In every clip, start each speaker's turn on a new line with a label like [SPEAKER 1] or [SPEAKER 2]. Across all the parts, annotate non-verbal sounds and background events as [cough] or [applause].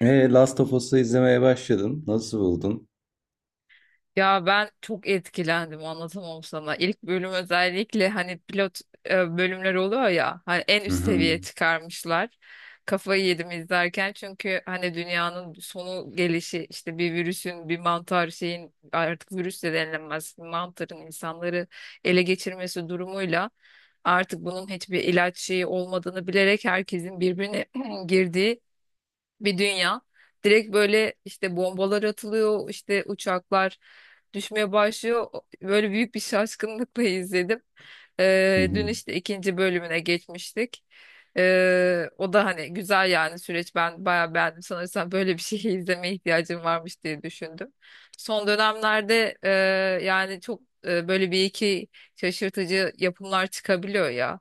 [SPEAKER 1] Last of Us'ı izlemeye başladın. Nasıl buldun?
[SPEAKER 2] Ya ben çok etkilendim anlatamam sana. İlk bölüm özellikle hani pilot bölümler oluyor ya hani en
[SPEAKER 1] Hı
[SPEAKER 2] üst
[SPEAKER 1] hı.
[SPEAKER 2] seviyeye çıkarmışlar. Kafayı yedim izlerken çünkü hani dünyanın sonu gelişi işte bir virüsün bir mantar şeyin artık virüs de denilemez mantarın insanları ele geçirmesi durumuyla artık bunun hiçbir ilaç şeyi olmadığını bilerek herkesin birbirine [clears throat] girdiği bir dünya. Direkt böyle işte bombalar atılıyor, işte uçaklar düşmeye başlıyor. Böyle büyük bir şaşkınlıkla [laughs] izledim.
[SPEAKER 1] Hı
[SPEAKER 2] Dün
[SPEAKER 1] hı.
[SPEAKER 2] işte ikinci bölümüne geçmiştik. O da hani güzel yani süreç ben bayağı beğendim. Sanırsam böyle bir şey [laughs] izlemeye ihtiyacım varmış diye düşündüm. Son dönemlerde yani çok böyle bir iki şaşırtıcı yapımlar çıkabiliyor ya.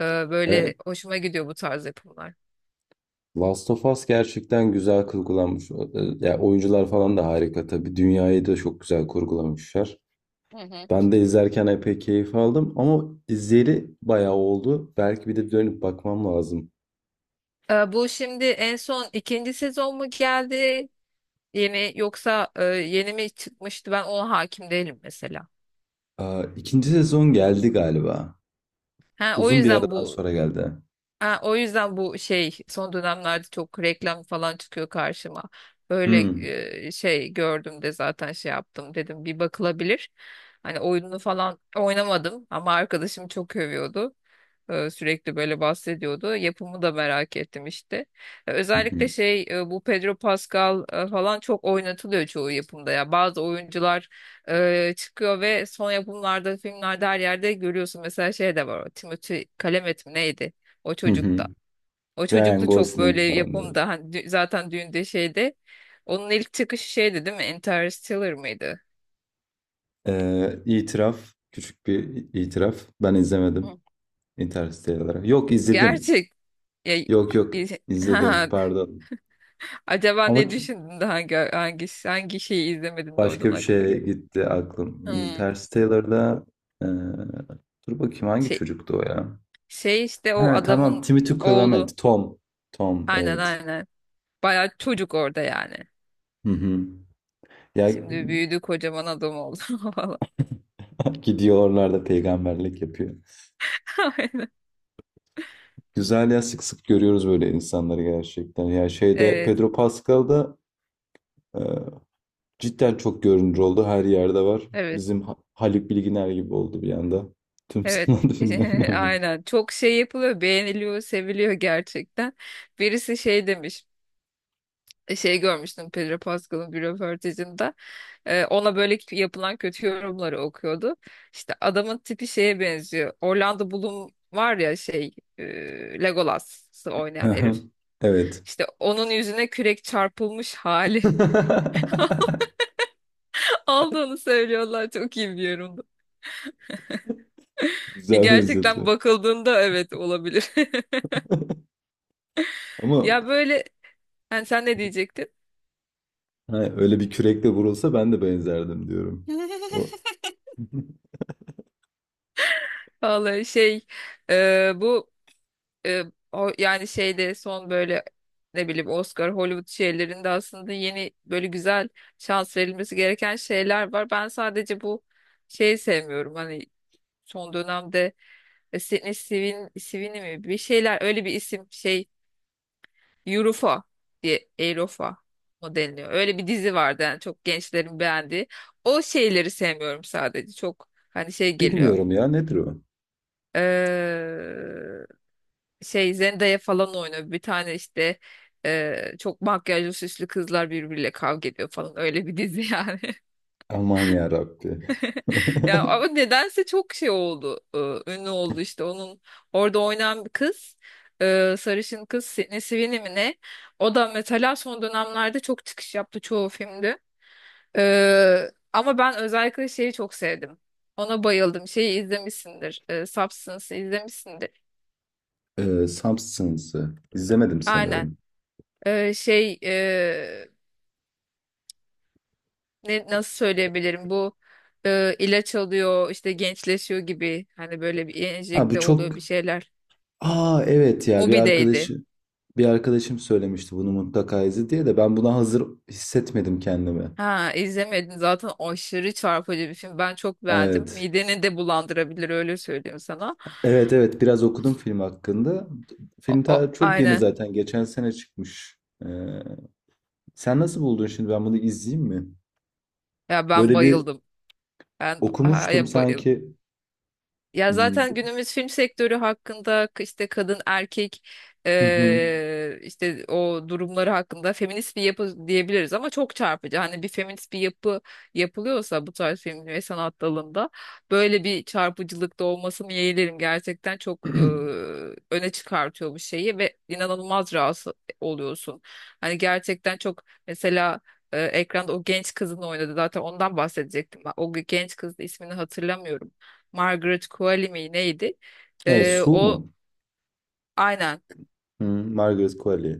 [SPEAKER 2] Ee, Böyle
[SPEAKER 1] Evet,
[SPEAKER 2] hoşuma gidiyor bu tarz yapımlar.
[SPEAKER 1] Last of Us gerçekten güzel kurgulanmış. Ya oyuncular falan da harika tabii. Dünyayı da çok güzel kurgulamışlar. Ben de izlerken epey keyif aldım ama izleri bayağı oldu. Belki bir de dönüp bakmam lazım.
[SPEAKER 2] Bu şimdi en son ikinci sezon mu geldi? Yeni yoksa yeni mi çıkmıştı? Ben ona hakim değilim mesela.
[SPEAKER 1] Aa, ikinci sezon geldi galiba.
[SPEAKER 2] Ha, o
[SPEAKER 1] Uzun bir
[SPEAKER 2] yüzden
[SPEAKER 1] aradan
[SPEAKER 2] bu
[SPEAKER 1] sonra geldi.
[SPEAKER 2] Ha, o yüzden bu şey son dönemlerde çok reklam falan çıkıyor karşıma. Böyle
[SPEAKER 1] Hı
[SPEAKER 2] şey gördüm de zaten şey yaptım dedim bir bakılabilir. Hani oyununu falan oynamadım ama arkadaşım çok övüyordu. E, sürekli böyle bahsediyordu. Yapımı da merak ettim işte. E,
[SPEAKER 1] hı
[SPEAKER 2] özellikle
[SPEAKER 1] hı.
[SPEAKER 2] şey bu Pedro Pascal falan çok oynatılıyor çoğu yapımda ya. Bazı oyuncular çıkıyor ve son yapımlarda, filmlerde her yerde görüyorsun. Mesela şey de var. O Timothée Chalamet mi neydi? O
[SPEAKER 1] Hı hı.
[SPEAKER 2] çocukta. O
[SPEAKER 1] Ryan
[SPEAKER 2] çocuklu çok
[SPEAKER 1] Gosling
[SPEAKER 2] böyle
[SPEAKER 1] falan da.
[SPEAKER 2] yapımda hani zaten düğünde şeyde onun ilk çıkışı şeydi değil mi? Interstellar mıydı?
[SPEAKER 1] İtiraf, küçük bir itiraf. Ben izlemedim.
[SPEAKER 2] Hı.
[SPEAKER 1] Interstellar. Yok izledim.
[SPEAKER 2] Gerçek. Ya,
[SPEAKER 1] Yok yok
[SPEAKER 2] i- [laughs] ha,
[SPEAKER 1] izledim, pardon.
[SPEAKER 2] acaba
[SPEAKER 1] Ama
[SPEAKER 2] ne düşündün de hangi hangi şeyi izlemedin de
[SPEAKER 1] başka
[SPEAKER 2] oradan
[SPEAKER 1] bir
[SPEAKER 2] aklına
[SPEAKER 1] şeye
[SPEAKER 2] geldi.
[SPEAKER 1] gitti aklım.
[SPEAKER 2] Hmm.
[SPEAKER 1] Interstellar'da eee, dur bakayım hangi
[SPEAKER 2] Şey,
[SPEAKER 1] çocuktu o ya?
[SPEAKER 2] şey işte o
[SPEAKER 1] Ha tamam
[SPEAKER 2] adamın
[SPEAKER 1] Timothy
[SPEAKER 2] oğlu.
[SPEAKER 1] Chalamet. Tom. Tom
[SPEAKER 2] Aynen,
[SPEAKER 1] evet.
[SPEAKER 2] aynen. Bayağı çocuk orada yani.
[SPEAKER 1] Hı hı. Ya
[SPEAKER 2] Şimdi büyüdü kocaman adam oldu [laughs] falan.
[SPEAKER 1] [laughs] gidiyor oralarda peygamberlik yapıyor.
[SPEAKER 2] Aynen.
[SPEAKER 1] Güzel ya, sık sık görüyoruz böyle insanları gerçekten. Ya şeyde
[SPEAKER 2] Evet.
[SPEAKER 1] Pedro Pascal'da cidden çok görünür oldu. Her yerde var.
[SPEAKER 2] Evet.
[SPEAKER 1] Bizim Haluk Bilginer gibi oldu bir anda. Tüm
[SPEAKER 2] Evet,
[SPEAKER 1] sanat [laughs] filmlerinde
[SPEAKER 2] [laughs]
[SPEAKER 1] oynuyor.
[SPEAKER 2] aynen. Çok şey yapılıyor, beğeniliyor, seviliyor gerçekten. Birisi şey demiş, şey görmüştüm Pedro Pascal'ın bir röportajında. Ona böyle yapılan kötü yorumları okuyordu. İşte adamın tipi şeye benziyor. Orlando Bloom var ya şey, Legolas'ı oynayan herif.
[SPEAKER 1] Aha, evet.
[SPEAKER 2] İşte onun yüzüne kürek çarpılmış hali
[SPEAKER 1] [laughs]
[SPEAKER 2] [laughs] aldığını söylüyorlar. Çok iyi bir yorumdu. Ki
[SPEAKER 1] Güzel
[SPEAKER 2] gerçekten
[SPEAKER 1] benzetme.
[SPEAKER 2] bakıldığında evet olabilir. [laughs]
[SPEAKER 1] Ama
[SPEAKER 2] Ya böyle, yani sen ne diyecektin?
[SPEAKER 1] ha, öyle bir kürekle vurulsa ben de benzerdim diyorum.
[SPEAKER 2] [laughs]
[SPEAKER 1] O- [laughs]
[SPEAKER 2] Vallahi şey bu e, yani şeyde son böyle ne bileyim Oscar Hollywood şeylerinde aslında yeni böyle güzel şans verilmesi gereken şeyler var. Ben sadece bu şeyi sevmiyorum. Hani son dönemde Sydney Sweeney, Sweeney mi bir şeyler öyle bir isim şey Eurofa diye Eurofa mı deniliyor. Öyle bir dizi vardı yani çok gençlerin beğendiği. O şeyleri sevmiyorum sadece. Çok hani şey geliyor.
[SPEAKER 1] Bilmiyorum ya, nedir o?
[SPEAKER 2] Eee, şey Zendaya falan oynuyor. Bir tane işte çok makyajlı süslü kızlar birbiriyle kavga ediyor falan öyle bir dizi yani. [laughs]
[SPEAKER 1] Aman ya Rabbi.
[SPEAKER 2] Ya
[SPEAKER 1] [laughs]
[SPEAKER 2] ama nedense çok şey oldu. Ünlü oldu işte onun orada oynayan bir kız. Sarışın kız Sydney Sweeney mi ne? O da mesela son dönemlerde çok çıkış yaptı çoğu filmde. E, ama ben özellikle şeyi çok sevdim. Ona bayıldım. Şeyi izlemişsindir. E, Substance'ı izlemişsindir.
[SPEAKER 1] Substance'ı izlemedim
[SPEAKER 2] Aynen.
[SPEAKER 1] sanırım.
[SPEAKER 2] E, şey ne, nasıl söyleyebilirim bu ilaç alıyor işte gençleşiyor gibi hani böyle bir
[SPEAKER 1] Ha bu
[SPEAKER 2] enjekte oluyor bir
[SPEAKER 1] çok...
[SPEAKER 2] şeyler.
[SPEAKER 1] Aa evet, ya bir
[SPEAKER 2] Mobi'deydi.
[SPEAKER 1] arkadaşı bir arkadaşım söylemişti bunu mutlaka izle diye de ben buna hazır hissetmedim kendimi.
[SPEAKER 2] Ha izlemedim zaten aşırı çarpıcı bir film. Ben çok beğendim.
[SPEAKER 1] Evet.
[SPEAKER 2] Mideni de bulandırabilir öyle söyleyeyim sana.
[SPEAKER 1] Evet evet, biraz okudum film hakkında. Film ta çok yeni,
[SPEAKER 2] Aynen.
[SPEAKER 1] zaten geçen sene çıkmış. Ee, sen nasıl buldun şimdi, ben bunu izleyeyim mi?
[SPEAKER 2] Ya ben
[SPEAKER 1] Böyle bir
[SPEAKER 2] bayıldım. Ben
[SPEAKER 1] okumuştum
[SPEAKER 2] ya bayıldım.
[SPEAKER 1] sanki.
[SPEAKER 2] Ya
[SPEAKER 1] Hmm,
[SPEAKER 2] zaten günümüz film sektörü hakkında işte kadın erkek
[SPEAKER 1] hı hı.
[SPEAKER 2] işte o durumları hakkında feminist bir yapı diyebiliriz ama çok çarpıcı. Hani bir feminist bir yapı yapılıyorsa bu tarz film ve sanat dalında böyle bir çarpıcılıkta olmasını yeğlerim. Gerçekten çok öne çıkartıyor bu şeyi ve inanılmaz rahatsız oluyorsun. Hani gerçekten çok mesela ekranda o genç kızın oynadı zaten ondan bahsedecektim ben. O genç kızın ismini hatırlamıyorum. Margaret Qualley mi neydi?
[SPEAKER 1] Evet, Su
[SPEAKER 2] O
[SPEAKER 1] mu?
[SPEAKER 2] aynen.
[SPEAKER 1] Hı, Margaret Qualley.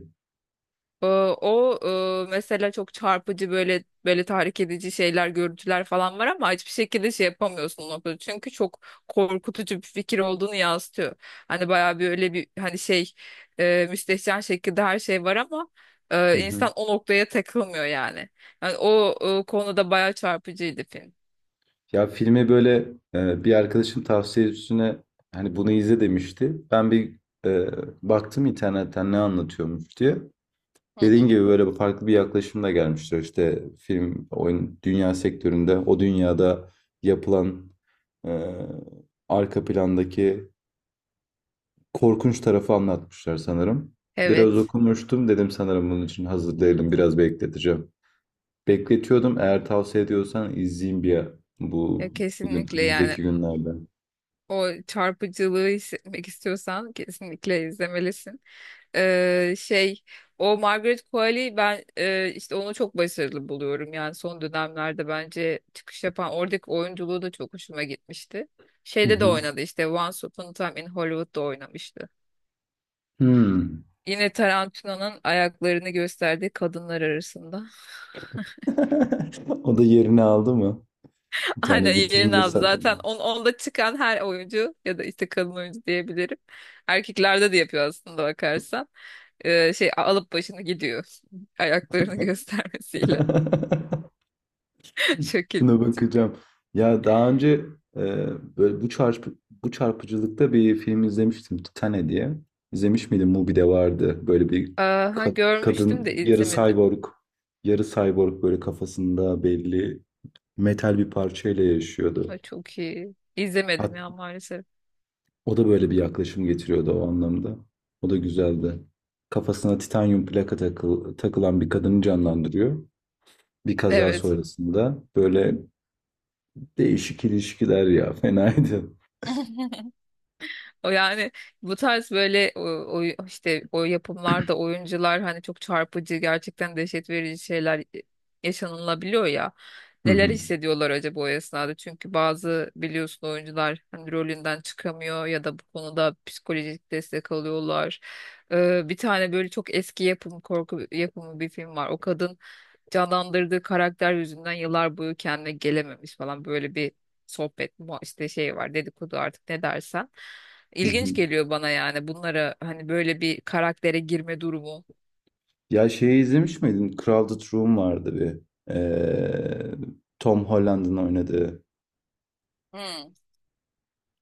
[SPEAKER 2] Ee, O mesela çok çarpıcı böyle tahrik edici şeyler, görüntüler falan var ama hiçbir şekilde şey yapamıyorsun o noktada. Çünkü çok korkutucu bir fikir olduğunu yansıtıyor. Hani bayağı bir öyle bir hani şey müstehcen şekilde her şey var ama
[SPEAKER 1] Hı
[SPEAKER 2] insan
[SPEAKER 1] hı.
[SPEAKER 2] o noktaya takılmıyor yani. Yani o konuda bayağı çarpıcıydı film.
[SPEAKER 1] Ya filmi böyle bir arkadaşım tavsiye üstüne hani bunu izle demişti. Ben bir e, baktım internetten ne anlatıyormuş diye.
[SPEAKER 2] Hı
[SPEAKER 1] Dediğin
[SPEAKER 2] hı.
[SPEAKER 1] gibi böyle bir farklı bir yaklaşımla gelmiştir. İşte film, oyun, dünya sektöründe o dünyada yapılan e, arka plandaki korkunç tarafı anlatmışlar sanırım. Biraz
[SPEAKER 2] Evet.
[SPEAKER 1] okumuştum dedim, sanırım bunun için hazır değilim, biraz bekleteceğim. Bekletiyordum, eğer tavsiye ediyorsan izleyeyim bir
[SPEAKER 2] Ya
[SPEAKER 1] bu bugün,
[SPEAKER 2] kesinlikle, yani
[SPEAKER 1] önümüzdeki günlerde.
[SPEAKER 2] o çarpıcılığı hissetmek istiyorsan kesinlikle izlemelisin. Şey o Margaret Qualley ben işte onu çok başarılı buluyorum. Yani son dönemlerde bence çıkış yapan oradaki oyunculuğu da çok hoşuma gitmişti.
[SPEAKER 1] Hı
[SPEAKER 2] Şeyde de
[SPEAKER 1] hı.
[SPEAKER 2] oynadı işte Once Upon a Time in Hollywood'da oynamıştı.
[SPEAKER 1] Hmm.
[SPEAKER 2] Yine Tarantino'nun ayaklarını gösterdiği kadınlar arasında.
[SPEAKER 1] [laughs] O da yerini aldı mı? Bir
[SPEAKER 2] Aynen
[SPEAKER 1] tane
[SPEAKER 2] yerini
[SPEAKER 1] vitrinde
[SPEAKER 2] aldı zaten.
[SPEAKER 1] saklanıyor.
[SPEAKER 2] Onda çıkan her oyuncu ya da işte kadın oyuncu diyebilirim. Erkeklerde de yapıyor aslında bakarsan. Şey alıp başını gidiyor. [laughs] Ayaklarını göstermesiyle.
[SPEAKER 1] [laughs]
[SPEAKER 2] [laughs] Şekil.
[SPEAKER 1] Şuna bakacağım. Ya daha önce e, böyle bu bu çarpıcılıkta bir film izlemiştim, Titane diye. İzlemiş miydin? Mubi'de vardı. Böyle bir
[SPEAKER 2] Aha, görmüştüm
[SPEAKER 1] kadın
[SPEAKER 2] de
[SPEAKER 1] yarı
[SPEAKER 2] izlemedim.
[SPEAKER 1] cyborg, yarı cyborg böyle kafasında belli metal bir parçayla yaşıyordu.
[SPEAKER 2] Ay, çok iyi.
[SPEAKER 1] Hat,
[SPEAKER 2] İzlemedim ya maalesef.
[SPEAKER 1] o da böyle bir yaklaşım getiriyordu o anlamda. O da güzeldi. Kafasına titanyum plaka takılan bir kadını canlandırıyor. Bir kaza
[SPEAKER 2] Evet.
[SPEAKER 1] sonrasında böyle değişik ilişkiler, ya fenaydı.
[SPEAKER 2] [laughs] O yani bu tarz böyle işte o yapımlarda oyuncular hani çok çarpıcı gerçekten dehşet verici şeyler yaşanılabiliyor ya.
[SPEAKER 1] Hı
[SPEAKER 2] Neler
[SPEAKER 1] hı.
[SPEAKER 2] hissediyorlar acaba o esnada? Çünkü bazı biliyorsun oyuncular hani rolünden çıkamıyor ya da bu konuda psikolojik destek alıyorlar. Bir tane böyle çok eski yapım korku yapımı bir film var. O kadın canlandırdığı karakter yüzünden yıllar boyu kendine gelememiş falan böyle bir sohbet mu işte şey var dedikodu artık ne dersen.
[SPEAKER 1] Hı
[SPEAKER 2] İlginç
[SPEAKER 1] hı.
[SPEAKER 2] geliyor bana yani bunlara hani böyle bir karaktere girme durumu.
[SPEAKER 1] Ya şeyi izlemiş miydin? Crowded Room vardı bir. Ee, Tom Holland'ın oynadığı.
[SPEAKER 2] Hmm.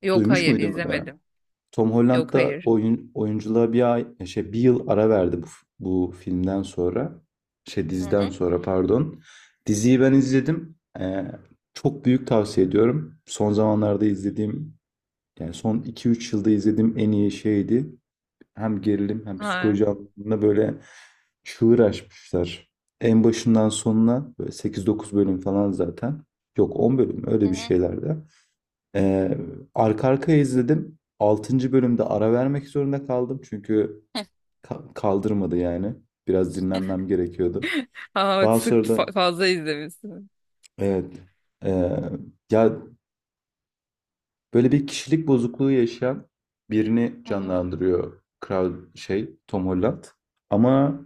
[SPEAKER 2] Yok,
[SPEAKER 1] Duymuş
[SPEAKER 2] hayır
[SPEAKER 1] muydun mu da?
[SPEAKER 2] izlemedim.
[SPEAKER 1] Tom Holland
[SPEAKER 2] Yok,
[SPEAKER 1] da
[SPEAKER 2] hayır.
[SPEAKER 1] oyun, oyunculuğa bir ay, şey, bir yıl ara verdi bu, bu filmden sonra. Şey
[SPEAKER 2] Hı
[SPEAKER 1] diziden
[SPEAKER 2] hı.
[SPEAKER 1] sonra, pardon. Diziyi ben izledim. Çok büyük tavsiye ediyorum. Son zamanlarda izlediğim, yani son iki üç yılda izlediğim en iyi şeydi. Hem gerilim hem
[SPEAKER 2] Ha.
[SPEAKER 1] psikoloji anlamında böyle çığır açmışlar. En başından sonuna böyle 8-9 bölüm falan zaten. Yok 10 bölüm,
[SPEAKER 2] Hı
[SPEAKER 1] öyle bir
[SPEAKER 2] hı.
[SPEAKER 1] şeylerde. Ee, arka arkaya izledim. 6. bölümde ara vermek zorunda kaldım. Çünkü kaldırmadı yani. Biraz dinlenmem gerekiyordu.
[SPEAKER 2] Aa,
[SPEAKER 1] Daha sonra da
[SPEAKER 2] fazla izlemişsin.
[SPEAKER 1] evet, ee, ya böyle bir kişilik bozukluğu yaşayan birini
[SPEAKER 2] Hı hı.
[SPEAKER 1] canlandırıyor, kral şey Tom Holland. Ama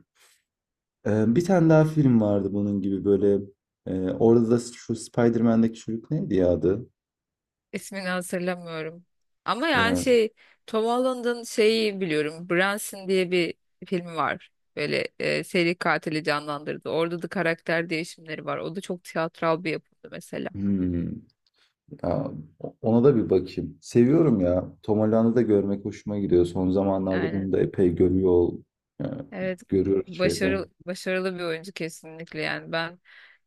[SPEAKER 1] Bir tane daha film vardı bunun gibi böyle. Orada da şu Spider-Man'deki çocuk neydi ya adı?
[SPEAKER 2] İsmini hatırlamıyorum. Ama yani
[SPEAKER 1] Ee,
[SPEAKER 2] şey Tom Holland'ın şeyi biliyorum. Branson diye bir filmi var. Böyle seri katili canlandırdı. Orada da karakter değişimleri var. O da çok tiyatral bir yapımdı mesela.
[SPEAKER 1] hmm, ya, ona da bir bakayım. Seviyorum ya. Tom Holland'ı da görmek hoşuma gidiyor. Son zamanlarda
[SPEAKER 2] Aynen.
[SPEAKER 1] bunu da epey e,
[SPEAKER 2] Evet,
[SPEAKER 1] görüyoruz şeyde.
[SPEAKER 2] başarılı bir oyuncu kesinlikle, yani ben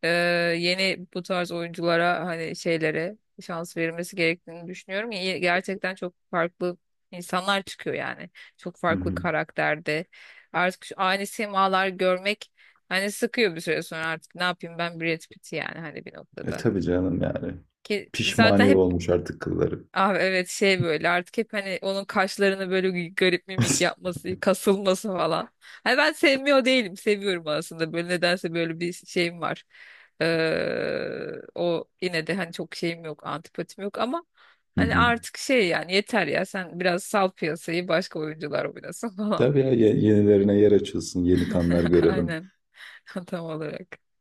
[SPEAKER 2] e, yeni bu tarz oyunculara hani şeylere şans verilmesi gerektiğini düşünüyorum. Gerçekten çok farklı insanlar çıkıyor yani. Çok
[SPEAKER 1] Hı
[SPEAKER 2] farklı
[SPEAKER 1] hı.
[SPEAKER 2] karakterde. Artık şu aynı simalar görmek hani sıkıyor bir süre sonra, artık ne yapayım ben Brad Pitt yani hani bir
[SPEAKER 1] E
[SPEAKER 2] noktada.
[SPEAKER 1] tabii canım yani.
[SPEAKER 2] Ki zaten
[SPEAKER 1] Pişmaniye
[SPEAKER 2] hep
[SPEAKER 1] olmuş artık kılları.
[SPEAKER 2] Abi evet şey böyle artık hep hani onun kaşlarını böyle garip mimik
[SPEAKER 1] [laughs]
[SPEAKER 2] yapması, kasılması falan. Hani ben sevmiyor değilim. Seviyorum aslında. Böyle nedense böyle bir şeyim var. O yine de hani çok şeyim yok, antipatim yok ama
[SPEAKER 1] Hı
[SPEAKER 2] hani
[SPEAKER 1] hı.
[SPEAKER 2] artık şey yani yeter ya, sen biraz sal piyasayı başka oyuncular oynasın falan.
[SPEAKER 1] Tabii ya, yenilerine yer açılsın, yeni kanlar
[SPEAKER 2] [laughs]
[SPEAKER 1] görelim.
[SPEAKER 2] Aynen. [laughs] Tam olarak.